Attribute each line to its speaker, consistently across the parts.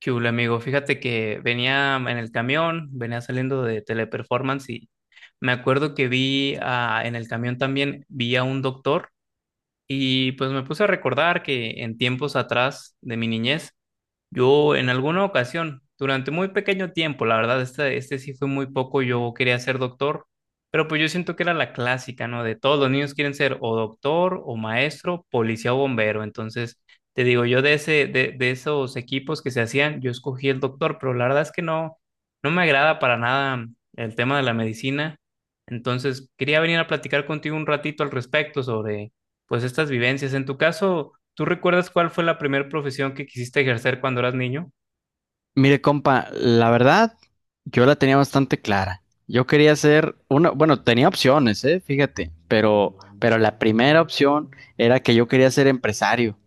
Speaker 1: ¿Qué hubo, amigo? Fíjate que venía en el camión, venía saliendo de Teleperformance y me acuerdo que en el camión también, vi a un doctor. Y pues me puse a recordar que en tiempos atrás de mi niñez yo en alguna ocasión, durante muy pequeño tiempo, la verdad, este sí fue muy poco, yo quería ser doctor, pero pues yo siento que era la clásica, ¿no? De todos los niños quieren ser o doctor o maestro, policía o bombero. Entonces, te digo, yo de esos equipos que se hacían, yo escogí el doctor, pero la verdad es que no, no me agrada para nada el tema de la medicina. Entonces, quería venir a platicar contigo un ratito al respecto sobre, pues, estas vivencias. En tu caso. ¿Tú recuerdas cuál fue la primera profesión que quisiste ejercer cuando eras niño?
Speaker 2: Mire, compa, la verdad, yo la tenía bastante clara. Yo quería hacer una, bueno, tenía opciones, fíjate, pero la primera opción era que yo quería ser empresario.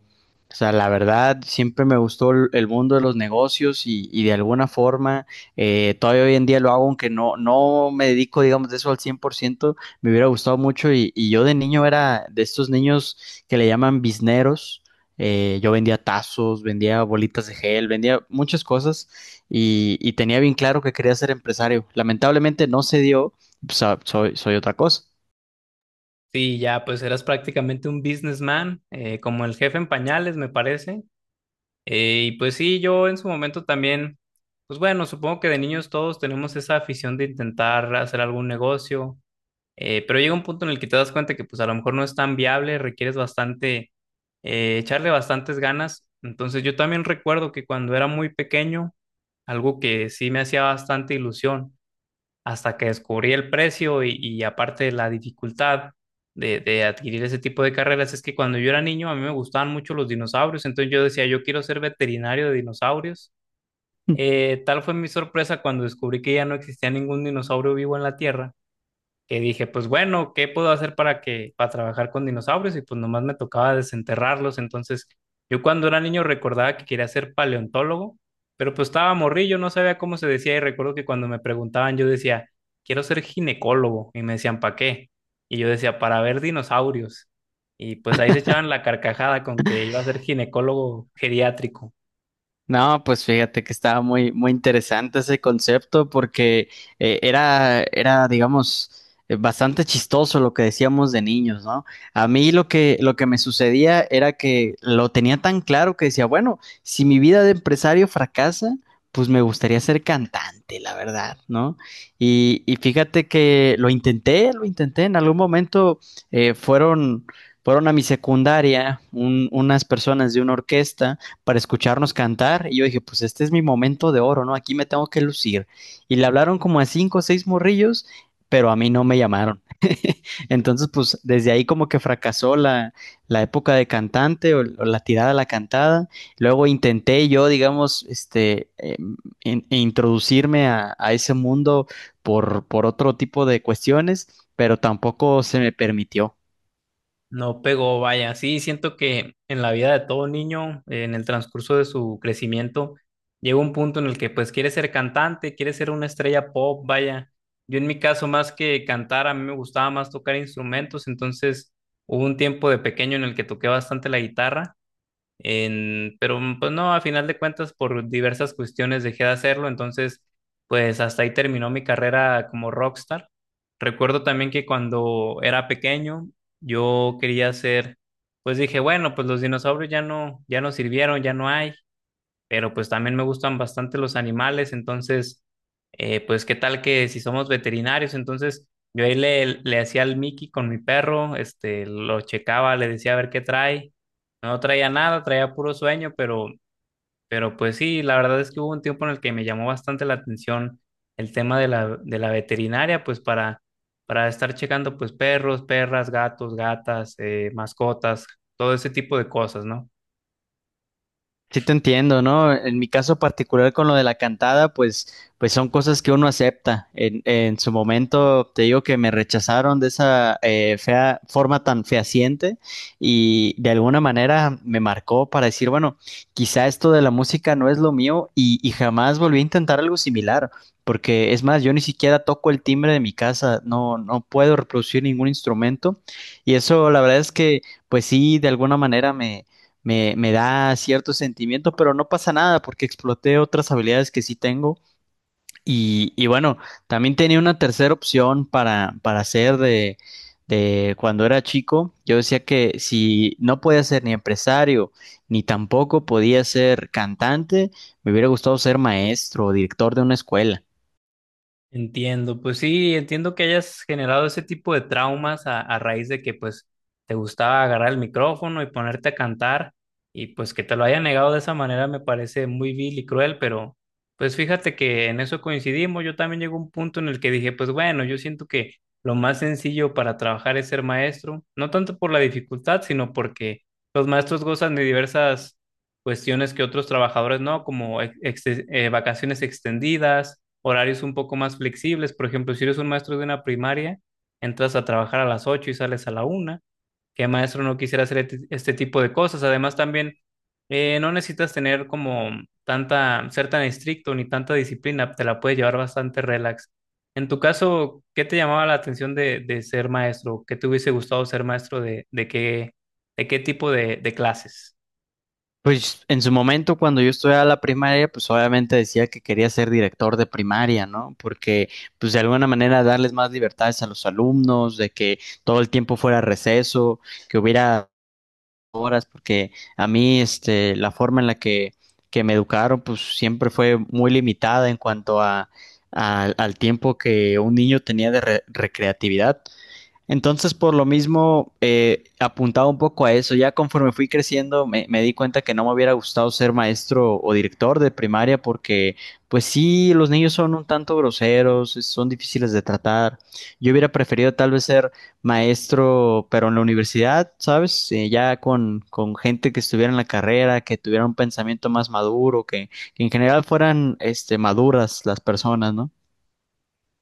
Speaker 2: O sea, la verdad, siempre me gustó el mundo de los negocios y de alguna forma, todavía hoy en día lo hago, aunque no, no me dedico, digamos, de eso al 100%. Me hubiera gustado mucho y yo de niño era de estos niños que le llaman bizneros. Yo vendía tazos, vendía bolitas de gel, vendía muchas cosas y tenía bien claro que quería ser empresario. Lamentablemente no se dio, pues, ah, soy, soy otra cosa.
Speaker 1: Sí, ya, pues eras prácticamente un businessman, como el jefe en pañales, me parece. Y pues sí, yo en su momento también, pues bueno, supongo que de niños todos tenemos esa afición de intentar hacer algún negocio, pero llega un punto en el que te das cuenta que pues a lo mejor no es tan viable, requieres bastante, echarle bastantes ganas. Entonces yo también recuerdo que cuando era muy pequeño, algo que sí me hacía bastante ilusión hasta que descubrí el precio y aparte la dificultad de adquirir ese tipo de carreras es que cuando yo era niño a mí me gustaban mucho los dinosaurios, entonces yo decía, yo quiero ser veterinario de dinosaurios. Tal fue mi sorpresa cuando descubrí que ya no existía ningún dinosaurio vivo en la Tierra, que dije, pues bueno, ¿qué puedo hacer para que para trabajar con dinosaurios? Y pues nomás me tocaba desenterrarlos. Entonces, yo cuando era niño recordaba que quería ser paleontólogo, pero pues estaba morrillo, no sabía cómo se decía y recuerdo que cuando me preguntaban yo decía, quiero ser ginecólogo y me decían, ¿para qué? Y yo decía, para ver dinosaurios. Y pues ahí se echaban la carcajada con que iba a ser ginecólogo geriátrico.
Speaker 2: No, pues fíjate que estaba muy, muy interesante ese concepto porque era, digamos, bastante chistoso lo que decíamos de niños, ¿no? A mí lo que me sucedía era que lo tenía tan claro que decía, bueno, si mi vida de empresario fracasa, pues me gustaría ser cantante, la verdad, ¿no? Y fíjate que lo intenté, en algún momento eh, fueron, fueron a mi secundaria unas personas de una orquesta para escucharnos cantar. Y yo dije, pues este es mi momento de oro, ¿no? Aquí me tengo que lucir. Y le hablaron como a cinco o seis morrillos, pero a mí no me llamaron. Entonces, pues desde ahí como que fracasó la, la época de cantante o, la tirada a la cantada. Luego intenté yo, digamos, e introducirme a, ese mundo por otro tipo de cuestiones, pero tampoco se me permitió.
Speaker 1: No pegó, vaya. Sí, siento que en la vida de todo niño, en el transcurso de su crecimiento, llega un punto en el que pues quiere ser cantante, quiere ser una estrella pop, vaya. Yo en mi caso, más que cantar, a mí me gustaba más tocar instrumentos, entonces hubo un tiempo de pequeño en el que toqué bastante la guitarra. Pues no, a final de cuentas por diversas cuestiones dejé de hacerlo, entonces pues hasta ahí terminó mi carrera como rockstar. Recuerdo también que cuando era pequeño yo quería ser, pues dije, bueno, pues los dinosaurios ya no, sirvieron, ya no hay, pero pues también me gustan bastante los animales, entonces, pues qué tal que si somos veterinarios. Entonces yo ahí le hacía el Mickey con mi perro, lo checaba, le decía a ver qué trae, no traía nada, traía puro sueño, pero pues sí, la verdad es que hubo un tiempo en el que me llamó bastante la atención el tema de la, veterinaria, pues para estar checando pues perros, perras, gatos, gatas, mascotas, todo ese tipo de cosas, ¿no?
Speaker 2: Sí te entiendo, ¿no? En mi caso particular con lo de la cantada, pues, pues son cosas que uno acepta. En su momento te digo que me rechazaron de esa fea, forma tan fehaciente y de alguna manera me marcó para decir, bueno, quizá esto de la música no es lo mío y jamás volví a intentar algo similar, porque es más, yo ni siquiera toco el timbre de mi casa, no, no puedo reproducir ningún instrumento y eso la verdad es que, pues sí, de alguna manera me da ciertos sentimientos, pero no pasa nada porque exploté otras habilidades que sí tengo. Y bueno, también tenía una tercera opción para hacer de cuando era chico. Yo decía que si no podía ser ni empresario, ni tampoco podía ser cantante, me hubiera gustado ser maestro o director de una escuela.
Speaker 1: Entiendo, pues sí, entiendo que hayas generado ese tipo de traumas a raíz de que pues te gustaba agarrar el micrófono y ponerte a cantar y pues que te lo hayan negado de esa manera me parece muy vil y cruel, pero pues fíjate que en eso coincidimos, yo también llegó un punto en el que dije, pues bueno, yo siento que lo más sencillo para trabajar es ser maestro, no tanto por la dificultad, sino porque los maestros gozan de diversas cuestiones que otros trabajadores no, como vacaciones extendidas, horarios un poco más flexibles. Por ejemplo, si eres un maestro de una primaria, entras a trabajar a las 8 y sales a la una. ¿Qué maestro no quisiera hacer este tipo de cosas? Además, también no necesitas tener como tanta, ser tan estricto ni tanta disciplina, te la puedes llevar bastante relax. En tu caso, ¿qué te llamaba la atención de, ser maestro? ¿Qué te hubiese gustado ser maestro de qué, de, qué tipo de clases?
Speaker 2: Pues en su momento, cuando yo estudiaba la primaria, pues obviamente decía que quería ser director de primaria, ¿no? Porque, pues de alguna manera darles más libertades a los alumnos, de que todo el tiempo fuera receso, que hubiera horas, porque a mí, este, la forma en que me educaron, pues siempre fue muy limitada en cuanto a, al tiempo que un niño tenía de recreatividad. Entonces, por lo mismo, apuntaba un poco a eso. Ya conforme fui creciendo, me di cuenta que no me hubiera gustado ser maestro o director de primaria porque, pues sí, los niños son un tanto groseros, son difíciles de tratar. Yo hubiera preferido tal vez ser maestro, pero en la universidad, ¿sabes? Ya con gente que estuviera en la carrera, que tuviera un pensamiento más maduro, que en general fueran, este, maduras las personas, ¿no?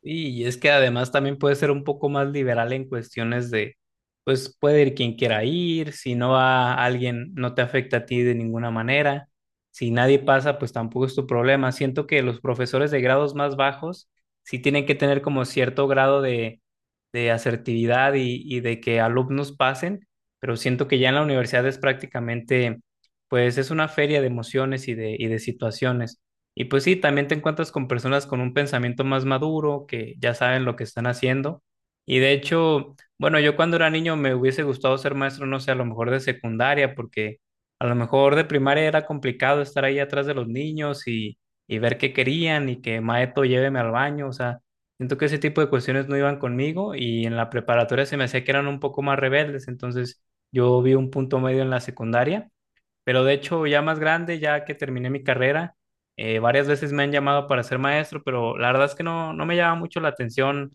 Speaker 1: Y es que además también puede ser un poco más liberal en cuestiones de, pues puede ir quien quiera ir, si no va alguien, no te afecta a ti de ninguna manera, si nadie pasa, pues tampoco es tu problema. Siento que los profesores de grados más bajos sí tienen que tener como cierto grado de, asertividad y de que alumnos pasen, pero siento que ya en la universidad es prácticamente, pues es una feria de emociones y de situaciones. Y pues sí, también te encuentras con personas con un pensamiento más maduro, que ya saben lo que están haciendo. Y de hecho, bueno, yo cuando era niño me hubiese gustado ser maestro, no sé, a lo mejor de secundaria, porque a lo mejor de primaria era complicado estar ahí atrás de los niños y ver qué querían y que maeto lléveme al baño. O sea, siento que ese tipo de cuestiones no iban conmigo y en la preparatoria se me hacía que eran un poco más rebeldes. Entonces yo vi un punto medio en la secundaria. Pero de hecho, ya más grande, ya que terminé mi carrera, varias veces me han llamado para ser maestro, pero la verdad es que no, no me llama mucho la atención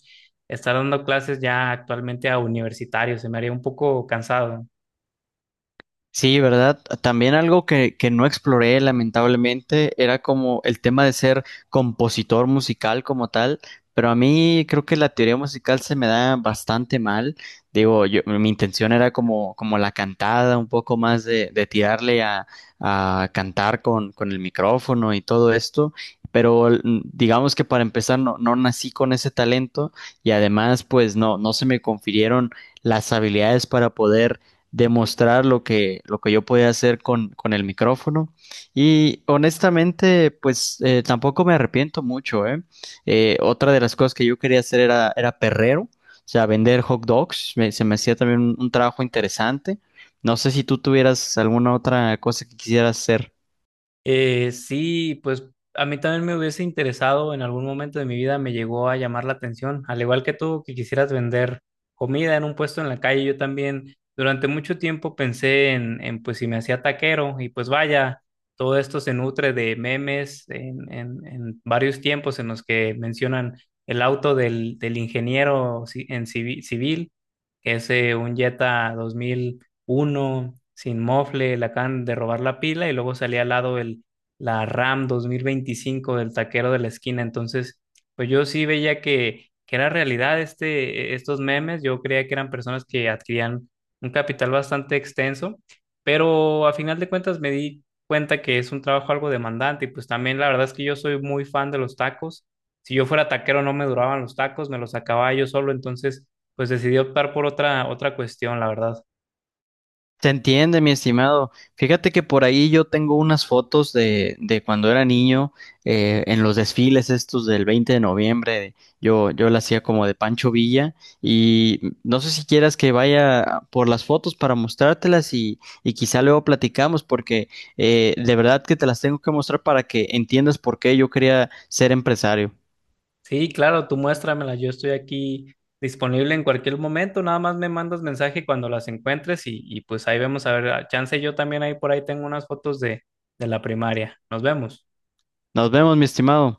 Speaker 1: estar dando clases ya actualmente a universitarios, se me haría un poco cansado.
Speaker 2: Sí, ¿verdad? También algo que no exploré, lamentablemente, era como el tema de ser compositor musical como tal, pero a mí creo que la teoría musical se me da bastante mal. Digo, yo, mi intención era como, como la cantada, un poco más de tirarle a cantar con el micrófono y todo esto. Pero digamos que para empezar no, no nací con ese talento y además pues no, no se me confirieron las habilidades para poder demostrar lo que yo podía hacer con el micrófono. Y honestamente, pues tampoco me arrepiento mucho, ¿eh? Otra de las cosas que yo quería hacer era, era perrero, o sea, vender hot dogs, se me hacía también un trabajo interesante. No sé si tú tuvieras alguna otra cosa que quisieras hacer.
Speaker 1: Sí, pues a mí también me hubiese interesado en algún momento de mi vida, me llegó a llamar la atención, al igual que tú, que quisieras vender comida en un puesto en la calle. Yo también durante mucho tiempo pensé en, pues si me hacía taquero y pues vaya, todo esto se nutre de memes en, varios tiempos en los que mencionan el auto del ingeniero civil, que es un Jetta uno sin mofle, le acaban de robar la pila y luego salía al lado el, la RAM 2025 del taquero de la esquina. Entonces, pues yo sí veía que era realidad estos memes. Yo creía que eran personas que adquirían un capital bastante extenso, pero a final de cuentas me di cuenta que es un trabajo algo demandante y pues también la verdad es que yo soy muy fan de los tacos. Si yo fuera taquero no me duraban los tacos, me los acababa yo solo, entonces pues decidí optar por otra cuestión, la verdad.
Speaker 2: Se entiende, mi estimado. Fíjate que por ahí yo tengo unas fotos de cuando era niño, en los desfiles estos del 20 de noviembre. Yo, yo la hacía como de Pancho Villa y no sé si quieras que vaya por las fotos para mostrártelas y quizá luego platicamos porque de verdad que te las tengo que mostrar para que entiendas por qué yo quería ser empresario.
Speaker 1: Sí, claro, tú muéstramela, yo estoy aquí disponible en cualquier momento, nada más me mandas mensaje cuando las encuentres y pues ahí vemos, a ver, a chance yo también ahí por ahí tengo unas fotos de, la primaria. Nos vemos.
Speaker 2: Nos vemos, mi estimado.